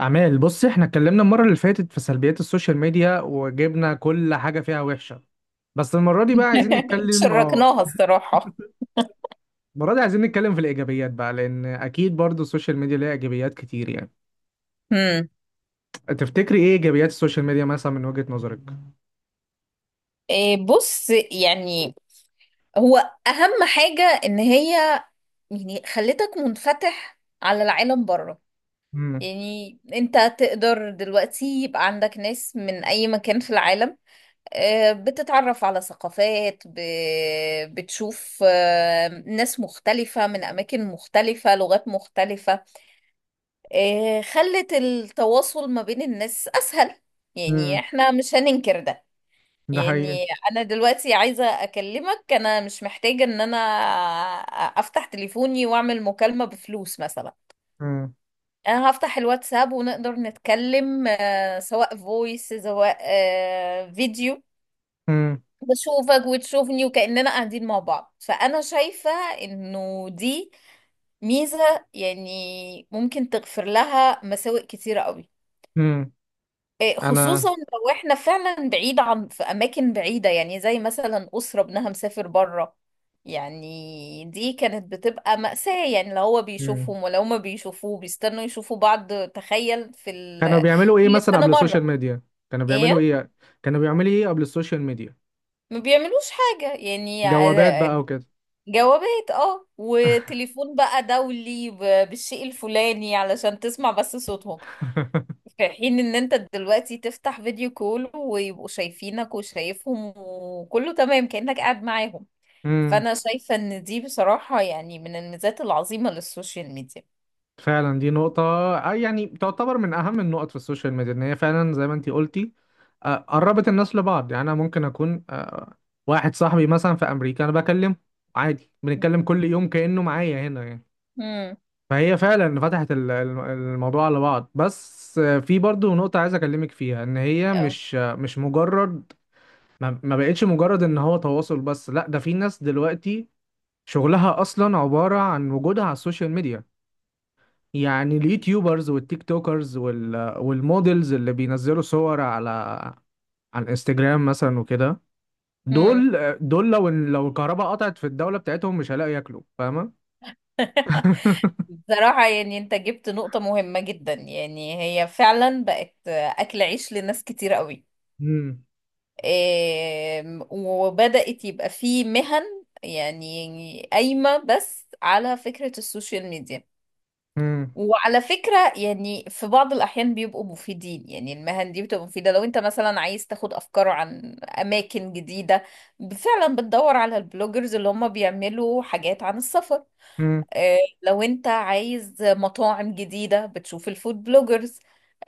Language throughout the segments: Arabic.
أعمال، بص احنا اتكلمنا المرة اللي فاتت في سلبيات السوشيال ميديا وجبنا كل حاجة فيها وحشة. بس المرة دي بقى عايزين نتكلم. اه شركناها الصراحة. المرة دي عايزين نتكلم في الإيجابيات بقى، لأن أكيد برضو السوشيال ميديا ليها إيجابيات كتير يعني. امم. تفتكري إيه إيجابيات السوشيال ميديا مثلا من وجهة نظرك؟ إيه، بص يعني. هو أهم حاجة إن هي يعني خلتك منفتح على العالم بره. امم. يعني أنت تقدر دلوقتي يبقى عندك ناس من أي مكان في العالم. بتتعرف على ثقافات، بتشوف، ناس مختلفة من أماكن مختلفة، لغات مختلفة. خلت التواصل ما بين الناس أسهل. يعني امم. احنا مش هننكر ده. ده حقيقي. يعني انا دلوقتي عايزة اكلمك، انا مش محتاجة ان انا افتح تليفوني واعمل مكالمة بفلوس مثلا. امم. انا هفتح الواتساب ونقدر نتكلم، سواء فويس سواء فيديو. امم. بشوفك وتشوفني وكأننا قاعدين مع بعض. فانا شايفة انه دي ميزة يعني ممكن تغفر لها مساوئ كتيرة قوي. امم. إيه، خصوصا أنا. لو احنا فعلا بعيد عن، في اماكن بعيده، يعني زي مثلا اسره ابنها مسافر بره. يعني دي كانت بتبقى مأساة، يعني لو هو امم. بيشوفهم ولو ما بيشوفوه بيستنوا يشوفوا بعض. تخيل كانوا بيعملوا إيه كل مثلا سنه قبل السوشيال مره. ميديا؟ كانوا بيعملوا ايه، إيه؟ كانوا بيعملوا إيه قبل السوشيال ميديا؟ ما بيعملوش حاجه يعني جوابات بقى وكده. جوابات، اه، وتليفون بقى دولي، بالشيء الفلاني علشان تسمع بس صوتهم. في حين ان انت دلوقتي تفتح فيديو كول ويبقوا شايفينك وشايفهم وكله تمام كأنك قاعد معاهم. فانا شايفة ان دي بصراحة يعني من الميزات العظيمة للسوشيال ميديا. فعلا دي نقطة. يعني تعتبر من أهم النقط في السوشيال ميديا إن هي فعلا زي ما أنتي قلتي. قربت الناس لبعض، يعني أنا ممكن أكون واحد صاحبي مثلا في أمريكا أنا بكلمه عادي، بنتكلم كل يوم كأنه معايا هنا يعني. امم. فهي فعلا فتحت الموضوع على بعض. بس في برضو نقطة عايز أكلمك فيها، إن هي اه. مش مش مجرد. ما بقتش مجرد إن هو تواصل بس، لا، ده في ناس دلوقتي شغلها أصلا عبارة عن وجودها على السوشيال ميديا. يعني اليوتيوبرز والتيك توكرز والمودلز اللي بينزلوا صور على الانستجرام مثلا وكده. امم. دول، دول لو الكهرباء قطعت في الدولة بتاعتهم مش هيلاقوا ياكلوا، فاهمة؟ بصراحة يعني انت جبت نقطة مهمة جدا. يعني هي فعلا بقت اكل عيش لناس كتير قوي. مم. إيه، وبدأت يبقى في مهن، يعني قايمة بس على فكرة السوشيال ميديا. مم. وعلى فكرة يعني في بعض الأحيان بيبقوا مفيدين. يعني المهن دي بتبقى مفيدة لو أنت مثلا عايز تاخد أفكار عن أماكن جديدة، فعلا بتدور على البلوجرز اللي هم بيعملوا حاجات عن السفر. مم. لو أنت عايز مطاعم جديدة، بتشوف الفود بلوجرز.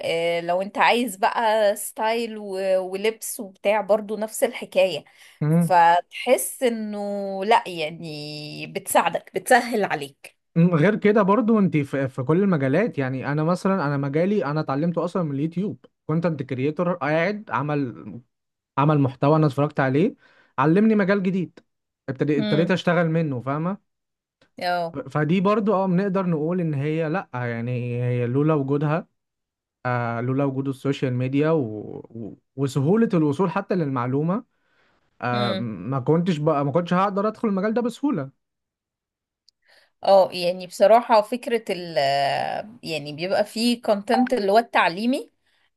لو أنت عايز بقى ستايل ولبس وبتاع، برضو نفس الحكاية. مم. فتحس إنه لأ، يعني بتساعدك، بتسهل عليك. مم. غير كده برضو انت في كل المجالات، يعني انا مثلا، انا مجالي انا اتعلمته اصلا من اليوتيوب. كونتنت كريتور قاعد عمل محتوى انا اتفرجت عليه، علمني مجال جديد. ابتديت امم. اشتغل منه، فاهمة؟ اه. فدي برضو بنقدر نقول ان هي، لا، يعني هي لولا وجودها، لولا وجود السوشيال ميديا وسهولة الوصول حتى للمعلومة. ما كنتش هقدر ادخل المجال ده بسهولة. اه، يعني بصراحة، فكرة ال، يعني بيبقى فيه كونتنت اللي هو التعليمي.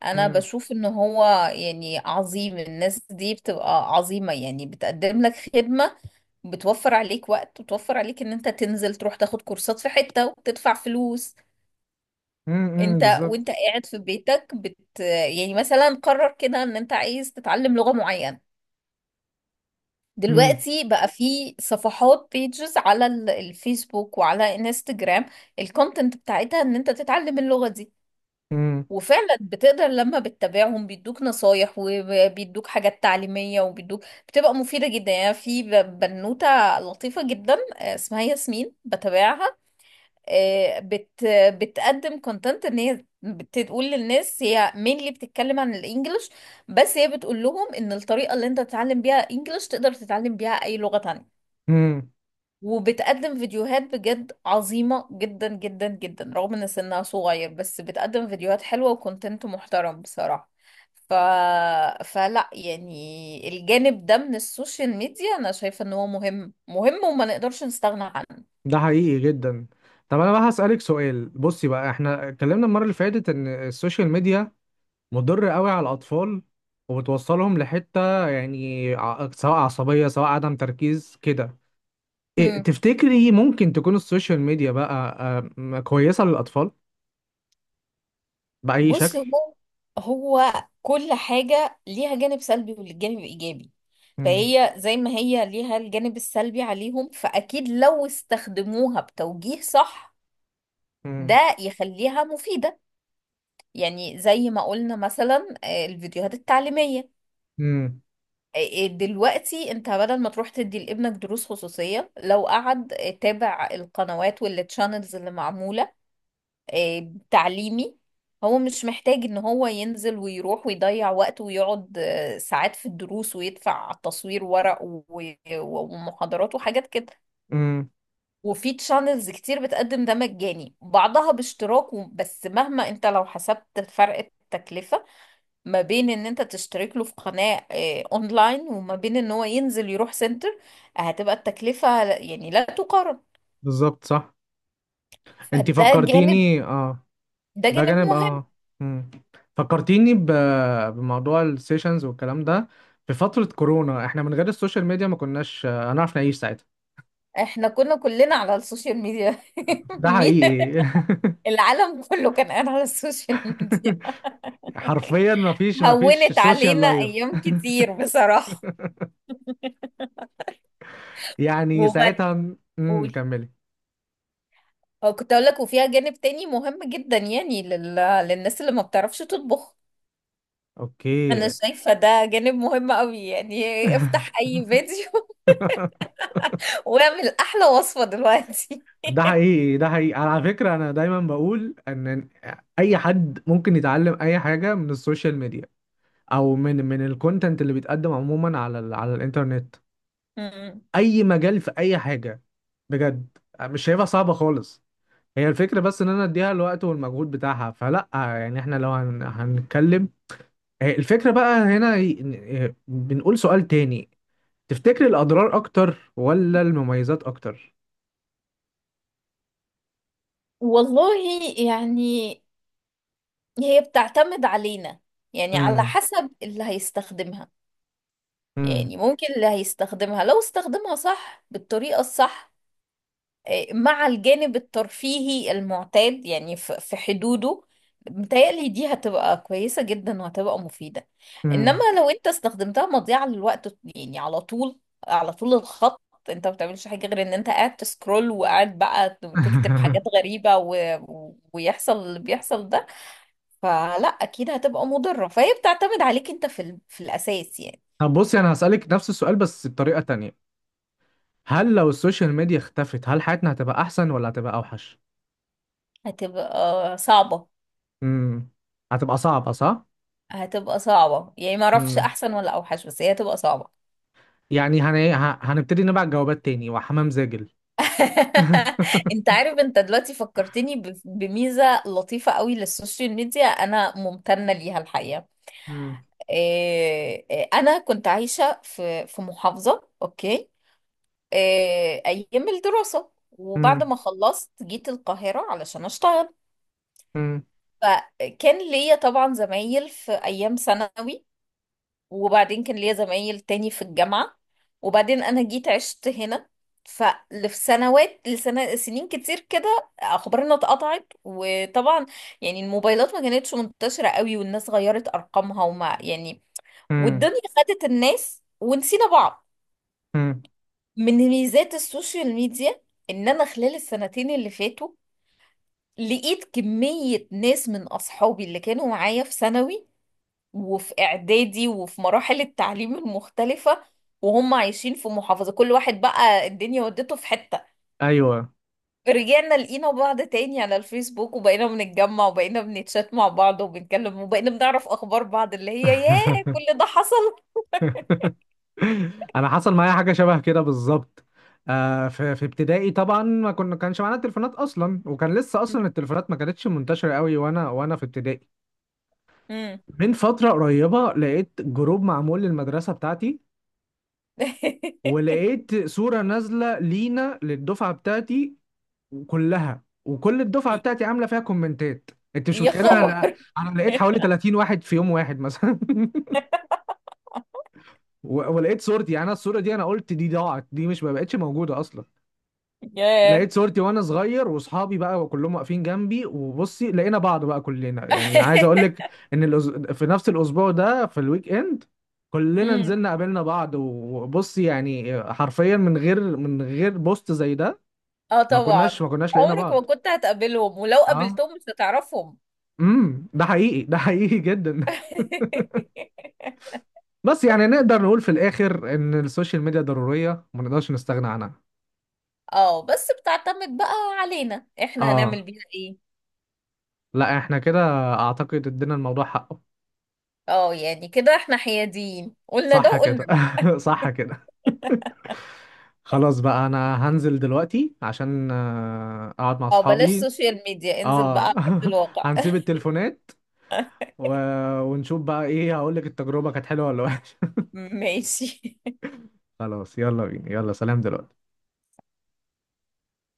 انا امم. بشوف ان هو يعني عظيم. الناس دي بتبقى عظيمة، يعني بتقدم لك خدمة، بتوفر عليك وقت وتوفر عليك ان انت تنزل تروح تاخد كورسات في حتة وتدفع فلوس. امم. انت وانت بالظبط. قاعد في بيتك، بت، يعني مثلا قرر كده ان انت عايز تتعلم لغة معينة. امم. دلوقتي بقى في صفحات بيجز على الفيسبوك وعلى انستجرام، الكونتنت بتاعتها ان انت تتعلم اللغة دي. امم. وفعلا بتقدر لما بتتابعهم بيدوك نصايح وبيدوك حاجات تعليمية وبيدوك، بتبقى مفيدة جدا. يعني في بنوتة لطيفة جدا، اسمها ياسمين، بتابعها. آه، بت بتقدم كونتنت ان هي بتقول للناس، هي مينلي بتتكلم عن الانجليش، بس هي بتقول لهم ان الطريقة اللي انت تتعلم بيها انجليش تقدر تتعلم بيها اي لغة تانية. امم. وبتقدم فيديوهات بجد عظيمة جدا جدا جدا، رغم ان سنها صغير بس بتقدم فيديوهات حلوة وكونتنت محترم بصراحة. ف... فلا يعني الجانب ده من السوشيال ميديا انا شايفة ان هو مهم مهم، وما نقدرش نستغنى عنه. ده حقيقي جدا. طب انا بقى هسألك سؤال. بصي بقى، احنا اتكلمنا المرة اللي فاتت ان السوشيال ميديا مضر قوي على الاطفال، وبتوصلهم لحتة، يعني سواء عصبية سواء عدم تركيز كده. إيه مم. تفتكري ممكن تكون السوشيال ميديا بقى كويسة للأطفال بأي بص، شكل؟ هو كل حاجة ليها جانب سلبي والجانب ايجابي. مم. فهي زي ما هي ليها الجانب السلبي عليهم، فأكيد لو استخدموها بتوجيه صح مم. ده يخليها مفيدة. يعني زي ما قلنا مثلا، الفيديوهات التعليمية. مم. آه، دلوقتي انت بدل ما تروح تدي لابنك دروس خصوصية، لو قعد، تابع القنوات والتشانلز اللي معمولة تعليمي. هو مش محتاج ان هو ينزل ويروح ويضيع وقت ويقعد ساعات في الدروس ويدفع تصوير ورق ومحاضرات وحاجات كده. مم. وفي تشانلز كتير بتقدم ده مجاني، بعضها باشتراك، بس مهما انت لو حسبت فرق التكلفة ما بين ان انت تشترك له في قناة اونلاين وما بين ان هو ينزل يروح سنتر، هتبقى التكلفة يعني لا تقارن. بالظبط، صح. انتي فده جانب. فكرتيني، ده ده جانب جانب، مهم. مم. فكرتيني بموضوع السيشنز والكلام ده. في فترة كورونا احنا من غير السوشيال ميديا ما كناش هنعرف نعيش ساعتها. احنا كنا كلنا على السوشيال ميديا. ده مين-. حقيقي. العالم كله كان قاعد على السوشيال ميديا. حرفيا ما فيش هونت سوشيال علينا لايف ايام كتير بصراحة. يعني وبعد. ساعتها. امم، قول. كملي. كنت اقول لك، وفيها جانب تاني مهم جدا يعني للناس اللي ما بتعرفش تطبخ. اوكي. انا شايفة ده جانب مهم قوي. يعني افتح اي فيديو واعمل احلى وصفة دلوقتي. ده حقيقي، ده حقيقي. على فكرة أنا دايما بقول إن أي حد ممكن يتعلم أي حاجة من السوشيال ميديا، أو من الكونتنت اللي بيتقدم عموما على الإنترنت. مم. أي مجال في أي حاجة، بجد. مش شايفها صعبة خالص. هي الفكرة بس إن أنا أديها الوقت والمجهود بتاعها. فلأ يعني. إحنا لو هنتكلم، الفكرة بقى هنا، بنقول سؤال تاني. تفتكر الأضرار أكتر ولا المميزات أكتر؟ والله، يعني هي بتعتمد علينا، يعني على امم. حسب اللي هيستخدمها. امم. يعني ممكن اللي هيستخدمها لو استخدمها صح بالطريقة الصح، مع الجانب الترفيهي المعتاد يعني في حدوده، متهيألي دي هتبقى كويسة جدا وهتبقى مفيدة. إنما امم. لو أنت استخدمتها مضيعة للوقت، يعني على طول، على طول الخط، أنت ما بتعملش حاجة غير إن أنت قاعد تسكرول، وقاعد بقى تكتب حاجات غريبة و... ويحصل اللي بيحصل ده. فلا، أكيد هتبقى مضرة، فهي بتعتمد عليك أنت في ال... في الأساس يعني. طب بصي انا هسألك نفس السؤال بس بطريقة تانية. هل لو السوشيال ميديا اختفت، هل حياتنا هتبقى احسن ولا هتبقى اوحش؟ هتبقى صعبة. امم. هتبقى صعبة، صح. هتبقى صعبة، يعني ما أعرفش امم. أحسن ولا أوحش، بس هي هتبقى صعبة. يعني هنبتدي نبعت جوابات تاني وحمام زاجل. انت عارف، انت دلوقتي فكرتني بميزة لطيفة قوي للسوشيال ميديا، انا ممتنة ليها الحقيقة. امم. إيه، إيه، انا كنت عايشة في محافظة، اوكي. إيه، ايام الدراسة، وبعد امم. ما خلصت جيت القاهرة علشان اشتغل. امم. فكان ليا طبعا زمايل في ايام ثانوي، وبعدين كان ليا زمايل تاني في الجامعة، وبعدين أنا جيت عشت هنا. ففي سنوات، لسنة سنين كتير كده أخبارنا اتقطعت، وطبعا يعني الموبايلات ما كانتش منتشرة قوي والناس غيرت أرقامها، وما يعني، امم. والدنيا خدت الناس ونسينا بعض. امم. من ميزات السوشيال ميديا إن أنا خلال السنتين اللي فاتوا لقيت كمية ناس من أصحابي اللي كانوا معايا في ثانوي وفي اعدادي وفي مراحل التعليم المختلفة، وهم عايشين في محافظة، كل واحد بقى الدنيا ودته في حتة. ايوه. رجعنا لقينا بعض تاني على الفيسبوك، وبقينا بنتجمع وبقينا بنتشات مع بعض وبنتكلم وبقينا بنعرف اخبار بعض. اللي هي ياه، كل ده حصل. انا حصل معايا حاجة شبه كده بالظبط. في ابتدائي طبعا، ما كنا كانش معانا تليفونات اصلا، وكان لسه اصلا التليفونات ما كانتش منتشرة قوي، وانا في ابتدائي. مم. من فترة قريبة لقيت جروب معمول للمدرسة بتاعتي، ولقيت صورة نازلة لينا، للدفعة بتاعتي كلها، وكل الدفعة بتاعتي عاملة فيها كومنتات. انت مش يا متخيل، خبر. انا لقيت حوالي 30 واحد في يوم واحد مثلا. ولقيت صورتي. يعني انا الصورة دي، انا قلت دي ضاعت، دي مش ما بقتش موجودة اصلا. ياه. لقيت صورتي وانا صغير، واصحابي بقى كلهم واقفين جنبي. وبصي لقينا بعض بقى كلنا. يعني عايز اقول لك ان في نفس الاسبوع ده، في الويك اند، كلنا مم. نزلنا قابلنا بعض. وبصي يعني حرفيا، من غير بوست زي ده اه ما كناش طبعا. ما كناش لقينا عمرك ما بعض. كنت هتقابلهم، ولو اه. قابلتهم مش هتعرفهم. امم، ده حقيقي، ده حقيقي جدا. بس يعني نقدر نقول في الاخر ان السوشيال ميديا ضرورية، ما نقدرش نستغنى عنها. اه، بس بتعتمد بقى علينا، احنا هنعمل اه. بيها ايه. لا احنا كده اعتقد ادينا الموضوع حقه. اه، يعني كده احنا حياديين، قلنا ده صح وقلنا كده. ده. صح كده. خلاص بقى، انا هنزل دلوقتي عشان اقعد مع اه، بلاش اصحابي. سوشيال ميديا، انزل بقى اه. على ارض الواقع. هنسيب التليفونات و... ونشوف بقى ايه. هقول لك التجربة كانت حلوة ولا وحشة. ماشي. خلاص، يلا بينا، يلا سلام دلوقتي.